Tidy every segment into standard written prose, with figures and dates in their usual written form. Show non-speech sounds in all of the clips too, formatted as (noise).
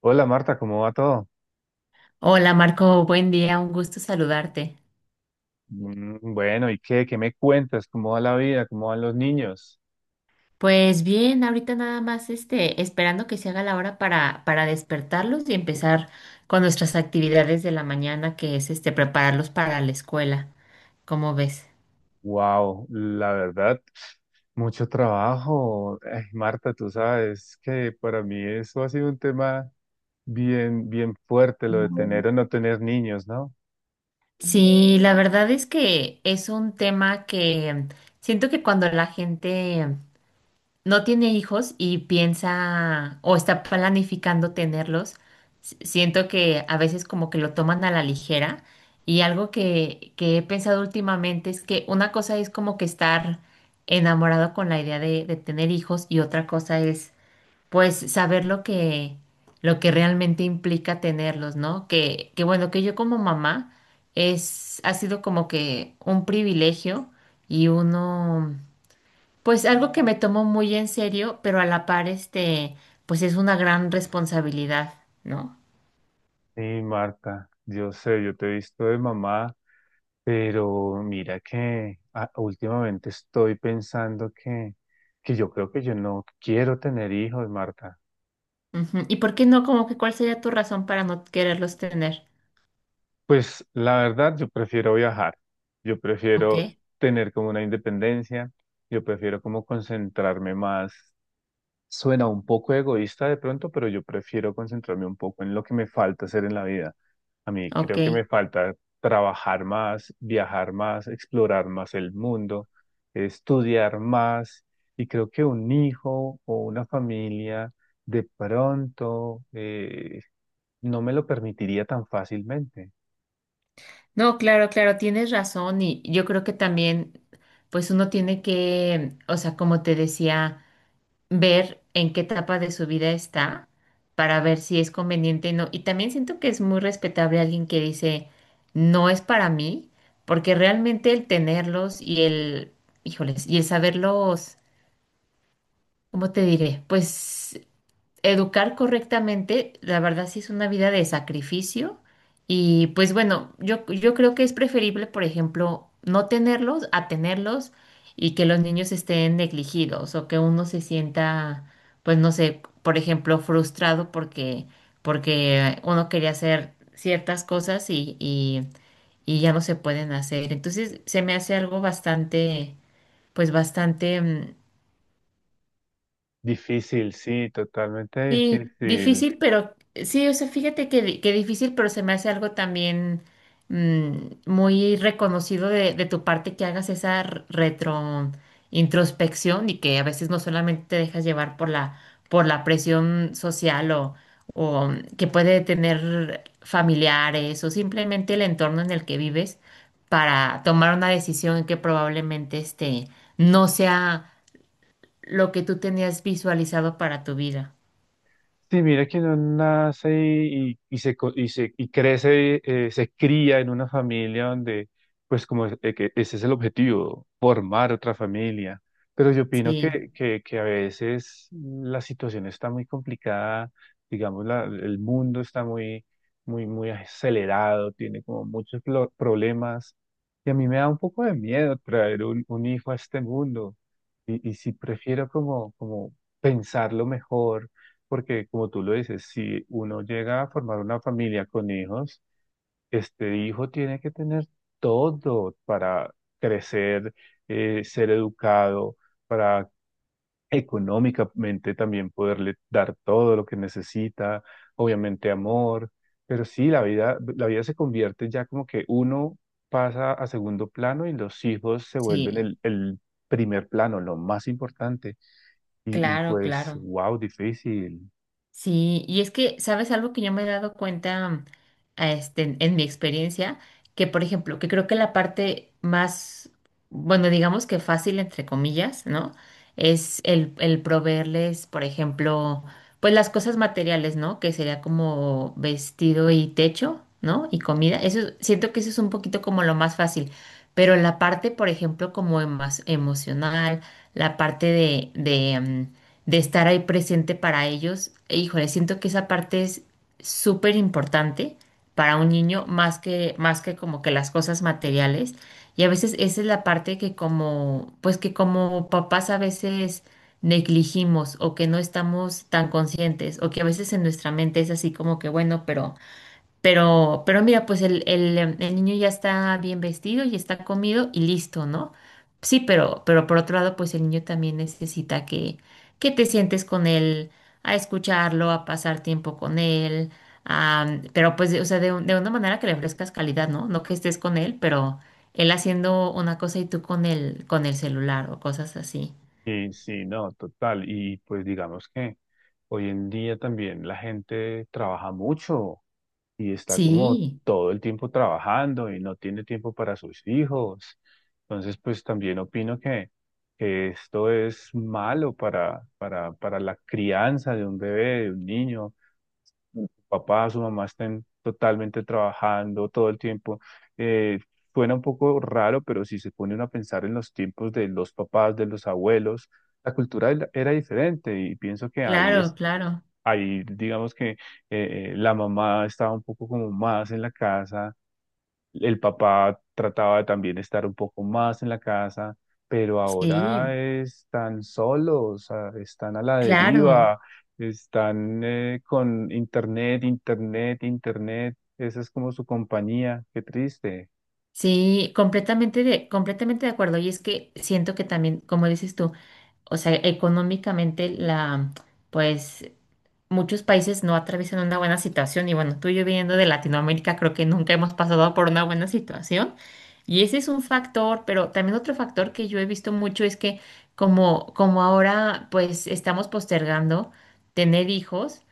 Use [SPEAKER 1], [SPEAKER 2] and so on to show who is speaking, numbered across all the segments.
[SPEAKER 1] Hola Marta, ¿cómo va todo?
[SPEAKER 2] Hola Marco, buen día, un gusto saludarte.
[SPEAKER 1] Bueno, ¿y qué? ¿Qué me cuentas? ¿Cómo va la vida? ¿Cómo van los niños?
[SPEAKER 2] Pues bien, ahorita nada más esperando que se haga la hora para despertarlos y empezar con nuestras actividades de la mañana, que es prepararlos para la escuela. ¿Cómo ves?
[SPEAKER 1] Wow, la verdad, mucho trabajo. Ay, Marta, tú sabes que para mí eso ha sido un tema bien, bien fuerte, lo de tener o no tener niños, ¿no?
[SPEAKER 2] Sí, la verdad es que es un tema que siento que cuando la gente no tiene hijos y piensa o está planificando tenerlos, siento que a veces como que lo toman a la ligera y algo que he pensado últimamente es que una cosa es como que estar enamorado con la idea de tener hijos y otra cosa es pues saber lo lo que realmente implica tenerlos, ¿no? Que bueno, que yo como mamá es, ha sido como que un privilegio y uno... Pues algo que me tomo muy en serio, pero a la par, pues es una gran responsabilidad, ¿no?
[SPEAKER 1] Sí, Marta, yo sé, yo te he visto de mamá, pero mira que últimamente estoy pensando que yo creo que yo no quiero tener hijos, Marta.
[SPEAKER 2] Ujú. ¿Y por qué no? ¿Como que cuál sería tu razón para no quererlos tener?
[SPEAKER 1] Pues la verdad, yo prefiero viajar, yo
[SPEAKER 2] Ok,
[SPEAKER 1] prefiero tener como una independencia, yo prefiero como concentrarme más. Suena un poco egoísta de pronto, pero yo prefiero concentrarme un poco en lo que me falta hacer en la vida. A mí
[SPEAKER 2] ok.
[SPEAKER 1] creo que me falta trabajar más, viajar más, explorar más el mundo, estudiar más. Y creo que un hijo o una familia de pronto no me lo permitiría tan fácilmente.
[SPEAKER 2] No, claro, claro, tienes razón y yo creo que también, pues uno tiene que, o sea, como te decía, ver en qué etapa de su vida está para ver si es conveniente o no. Y también siento que es muy respetable alguien que dice, no es para mí, porque realmente el tenerlos y el, híjoles, y el saberlos, ¿cómo te diré? Pues educar correctamente, la verdad sí es una vida de sacrificio y pues bueno, yo creo que es preferible, por ejemplo, no tenerlos a tenerlos y que los niños estén negligidos o que uno se sienta, pues no sé, por ejemplo, frustrado porque uno quería hacer ciertas cosas y ya no se pueden hacer. Entonces se me hace algo bastante, pues bastante...
[SPEAKER 1] Difícil, sí, totalmente
[SPEAKER 2] Sí,
[SPEAKER 1] difícil.
[SPEAKER 2] difícil, pero sí, o sea, fíjate que, que difícil, pero se me hace algo también mm, muy reconocido de tu parte que hagas esa retro introspección y que a veces no solamente te dejas llevar por por la presión social o que puede tener familiares o simplemente el entorno en el que vives para tomar una decisión que probablemente no sea lo que tú tenías visualizado para tu vida.
[SPEAKER 1] Sí, mira que uno nace y se crece, se cría en una familia donde, pues que ese es el objetivo, formar otra familia. Pero yo opino
[SPEAKER 2] Sí.
[SPEAKER 1] que a veces la situación está muy complicada, digamos, el mundo está muy, muy, muy acelerado, tiene como muchos problemas. Y a mí me da un poco de miedo traer un hijo a este mundo. Y si prefiero como pensarlo mejor porque como tú lo dices, si uno llega a formar una familia con hijos, este hijo tiene que tener todo para crecer, ser educado, para económicamente también poderle dar todo lo que necesita, obviamente amor, pero sí, la vida se convierte ya como que uno pasa a segundo plano y los hijos se vuelven
[SPEAKER 2] Sí,
[SPEAKER 1] el primer plano, lo más importante. Y
[SPEAKER 2] claro,
[SPEAKER 1] pues,
[SPEAKER 2] claro.
[SPEAKER 1] wow, difícil.
[SPEAKER 2] Sí, y es que, ¿sabes algo que yo me he dado cuenta a en mi experiencia? Que, por ejemplo, que creo que la parte más, bueno, digamos que fácil, entre comillas, ¿no? Es el proveerles, por ejemplo, pues las cosas materiales, ¿no? Que sería como vestido y techo, ¿no? Y comida. Eso, siento que eso es un poquito como lo más fácil. Pero la parte, por ejemplo, como emocional, la parte de estar ahí presente para ellos. E, híjole, siento que esa parte es súper importante para un niño, más más que como que las cosas materiales. Y a veces esa es la parte que como, pues que como papás a veces negligimos o que no estamos tan conscientes o que a veces en nuestra mente es así como que, bueno, pero mira, pues el niño ya está bien vestido y está comido y listo, ¿no? Sí, pero por otro lado, pues el niño también necesita que te sientes con él, a escucharlo, a pasar tiempo con él, a- pero pues, de- o sea, de, un- de una manera que le ofrezcas calidad, ¿no? No que estés con él, pero él haciendo una cosa y tú con con el celular o cosas así.
[SPEAKER 1] Sí, sí, no, total. Y pues digamos que hoy en día también la gente trabaja mucho y está como
[SPEAKER 2] Sí,
[SPEAKER 1] todo el tiempo trabajando y no tiene tiempo para sus hijos. Entonces, pues también opino que esto es malo para la crianza de un bebé, de un niño papá, su mamá estén totalmente trabajando todo el tiempo. Eh, Suena un poco raro, pero si se pone uno a pensar en los tiempos de los papás, de los abuelos, la cultura era diferente y pienso que ahí
[SPEAKER 2] claro,
[SPEAKER 1] es,
[SPEAKER 2] claro.
[SPEAKER 1] ahí digamos que la mamá estaba un poco como más en la casa, el papá trataba de también estar un poco más en la casa, pero
[SPEAKER 2] Sí,
[SPEAKER 1] ahora están solos, están a la
[SPEAKER 2] claro.
[SPEAKER 1] deriva, están con internet, internet, internet. Esa es como su compañía. Qué triste.
[SPEAKER 2] Sí, completamente de acuerdo. Y es que siento que también, como dices tú, o sea, económicamente pues muchos países no atraviesan una buena situación y bueno, tú y yo viniendo de Latinoamérica creo que nunca hemos pasado por una buena situación y ese es un factor, pero también otro factor que yo he visto mucho es que como ahora pues estamos postergando tener hijos.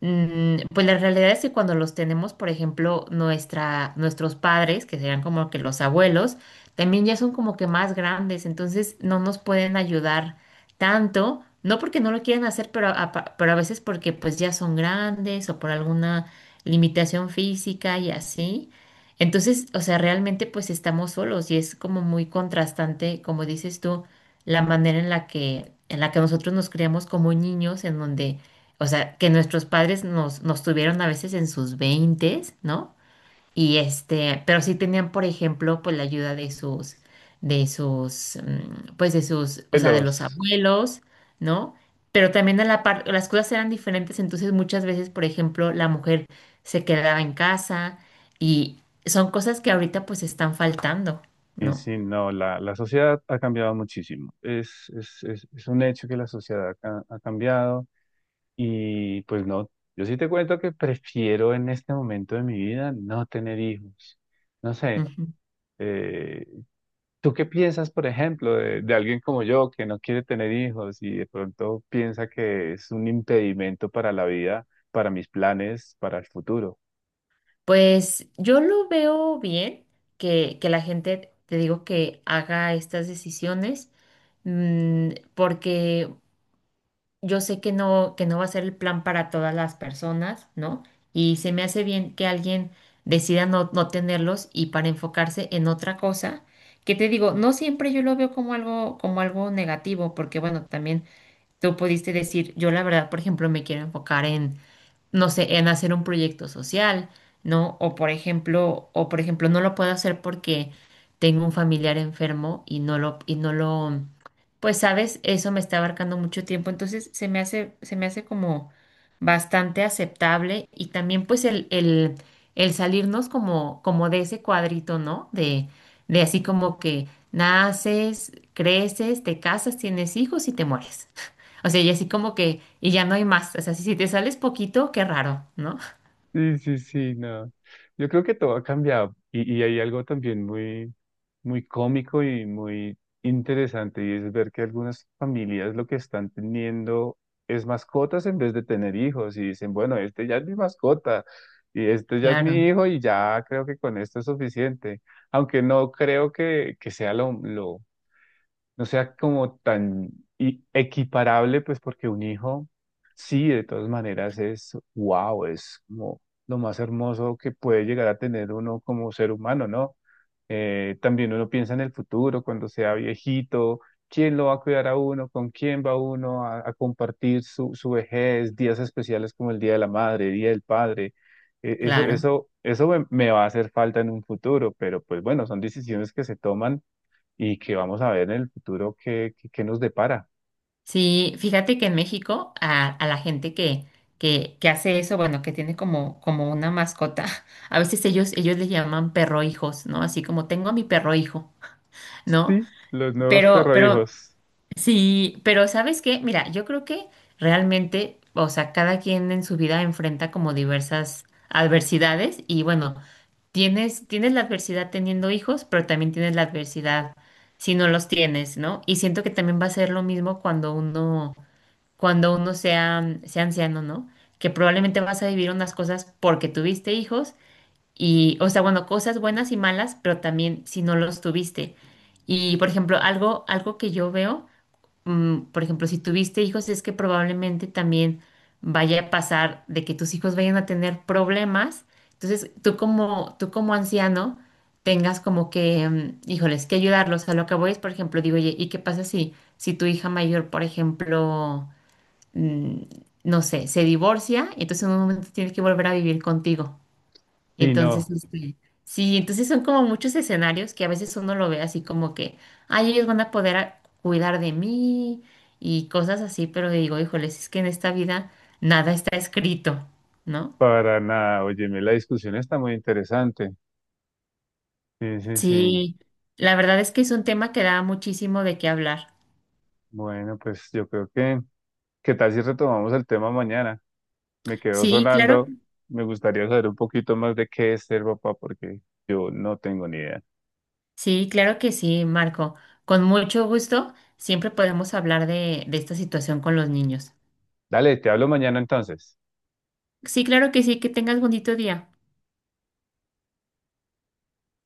[SPEAKER 2] Pues la realidad es que cuando los tenemos, por ejemplo, nuestros padres, que serían como que los abuelos, también ya son como que más grandes, entonces no nos pueden ayudar tanto, no porque no lo quieran hacer, pero a veces porque pues ya son grandes o por alguna limitación física y así. Entonces, o sea, realmente pues estamos solos y es como muy contrastante, como dices tú, la manera en en la que nosotros nos criamos como niños, en donde o sea, que nuestros padres nos tuvieron a veces en sus veintes, ¿no? Y pero sí tenían, por ejemplo, pues la ayuda de sus, o sea, de los
[SPEAKER 1] Los,
[SPEAKER 2] abuelos, ¿no? Pero también a la par, las cosas eran diferentes, entonces muchas veces, por ejemplo, la mujer se quedaba en casa y son cosas que ahorita pues están faltando,
[SPEAKER 1] y
[SPEAKER 2] ¿no?
[SPEAKER 1] sí, no, la sociedad ha cambiado muchísimo. Es un hecho que la sociedad ha cambiado y pues no, yo sí te cuento que prefiero en este momento de mi vida no tener hijos. No sé. Eh, ¿Tú qué piensas, por ejemplo, de alguien como yo que no quiere tener hijos y de pronto piensa que es un impedimento para la vida, para mis planes, para el futuro?
[SPEAKER 2] Pues yo lo veo bien que la gente, te digo, que haga estas decisiones, porque yo sé que no va a ser el plan para todas las personas, ¿no? Y se me hace bien que alguien decida no tenerlos y para enfocarse en otra cosa, que te digo, no siempre yo lo veo como algo negativo, porque bueno, también tú pudiste decir, yo la verdad, por ejemplo, me quiero enfocar en no sé, en hacer un proyecto social, ¿no? O por ejemplo, no lo puedo hacer porque tengo un familiar enfermo y no lo, pues sabes, eso me está abarcando mucho tiempo, entonces se me hace como bastante aceptable y también pues el salirnos como, como de ese cuadrito, ¿no? De así como que naces, creces, te casas, tienes hijos y te mueres. O sea, y así como que, y ya no hay más. O sea, si te sales poquito, qué raro, ¿no?
[SPEAKER 1] Sí, sí, sí, no. Yo creo que todo ha cambiado y hay algo también muy, muy cómico y muy interesante y es ver que algunas familias lo que están teniendo es mascotas en vez de tener hijos y dicen, bueno, este ya es mi mascota y este ya es mi
[SPEAKER 2] Claro,
[SPEAKER 1] hijo y ya creo que con esto es suficiente, aunque no creo que sea lo, no sea como tan equiparable, pues porque un hijo, sí, de todas maneras es, wow, es como lo más hermoso que puede llegar a tener uno como ser humano, ¿no? También uno piensa en el futuro, cuando sea viejito, quién lo va a cuidar a uno, con quién va uno a compartir su vejez, días especiales como el Día de la Madre, Día del Padre.
[SPEAKER 2] claro.
[SPEAKER 1] Eso me va a hacer falta en un futuro, pero pues bueno, son decisiones que se toman y que vamos a ver en el futuro qué, qué, qué nos depara.
[SPEAKER 2] Sí, fíjate que en México a la gente que hace eso, bueno, que tiene como, como una mascota, (laughs) a veces ellos le llaman perro hijos, ¿no? Así como tengo a mi perro hijo, (laughs) ¿no?
[SPEAKER 1] Sí, los nuevos
[SPEAKER 2] Pero, pero,
[SPEAKER 1] perrohijos.
[SPEAKER 2] sí, pero ¿sabes qué? Mira, yo creo que realmente, o sea, cada quien en su vida enfrenta como diversas adversidades y bueno. Tienes la adversidad teniendo hijos, pero también tienes la adversidad si no los tienes, ¿no? Y siento que también va a ser lo mismo cuando uno sea, sea anciano, ¿no? Que probablemente vas a vivir unas cosas porque tuviste hijos y, o sea, bueno, cosas buenas y malas, pero también si no los tuviste. Y, por ejemplo, algo que yo veo por ejemplo, si tuviste hijos, es que probablemente también vaya a pasar de que tus hijos vayan a tener problemas. Entonces, tú como anciano, tengas como que, híjoles, que ayudarlos. A lo que voy es, por ejemplo, digo, oye, ¿y qué pasa si tu hija mayor, por ejemplo, mm, no sé, se divorcia, y entonces en un momento tiene que volver a vivir contigo?
[SPEAKER 1] Sí,
[SPEAKER 2] Entonces,
[SPEAKER 1] no,
[SPEAKER 2] sí, entonces son como muchos escenarios que a veces uno lo ve así como que, ay, ellos van a poder a- cuidar de mí y cosas así, pero digo, híjoles, es que en esta vida nada está escrito, ¿no?
[SPEAKER 1] para nada. Óyeme, la discusión está muy interesante. Sí, sí, sí.
[SPEAKER 2] Sí, la verdad es que es un tema que da muchísimo de qué hablar.
[SPEAKER 1] Bueno, pues yo creo que, ¿qué tal si retomamos el tema mañana? Me quedó
[SPEAKER 2] Sí, claro,
[SPEAKER 1] sonando. Me gustaría saber un poquito más de qué es ser papá porque yo no tengo ni idea.
[SPEAKER 2] sí, claro que sí, Marco. Con mucho gusto, siempre podemos hablar de esta situación con los niños.
[SPEAKER 1] Dale, te hablo mañana entonces.
[SPEAKER 2] Sí, claro que sí, que tengas bonito día.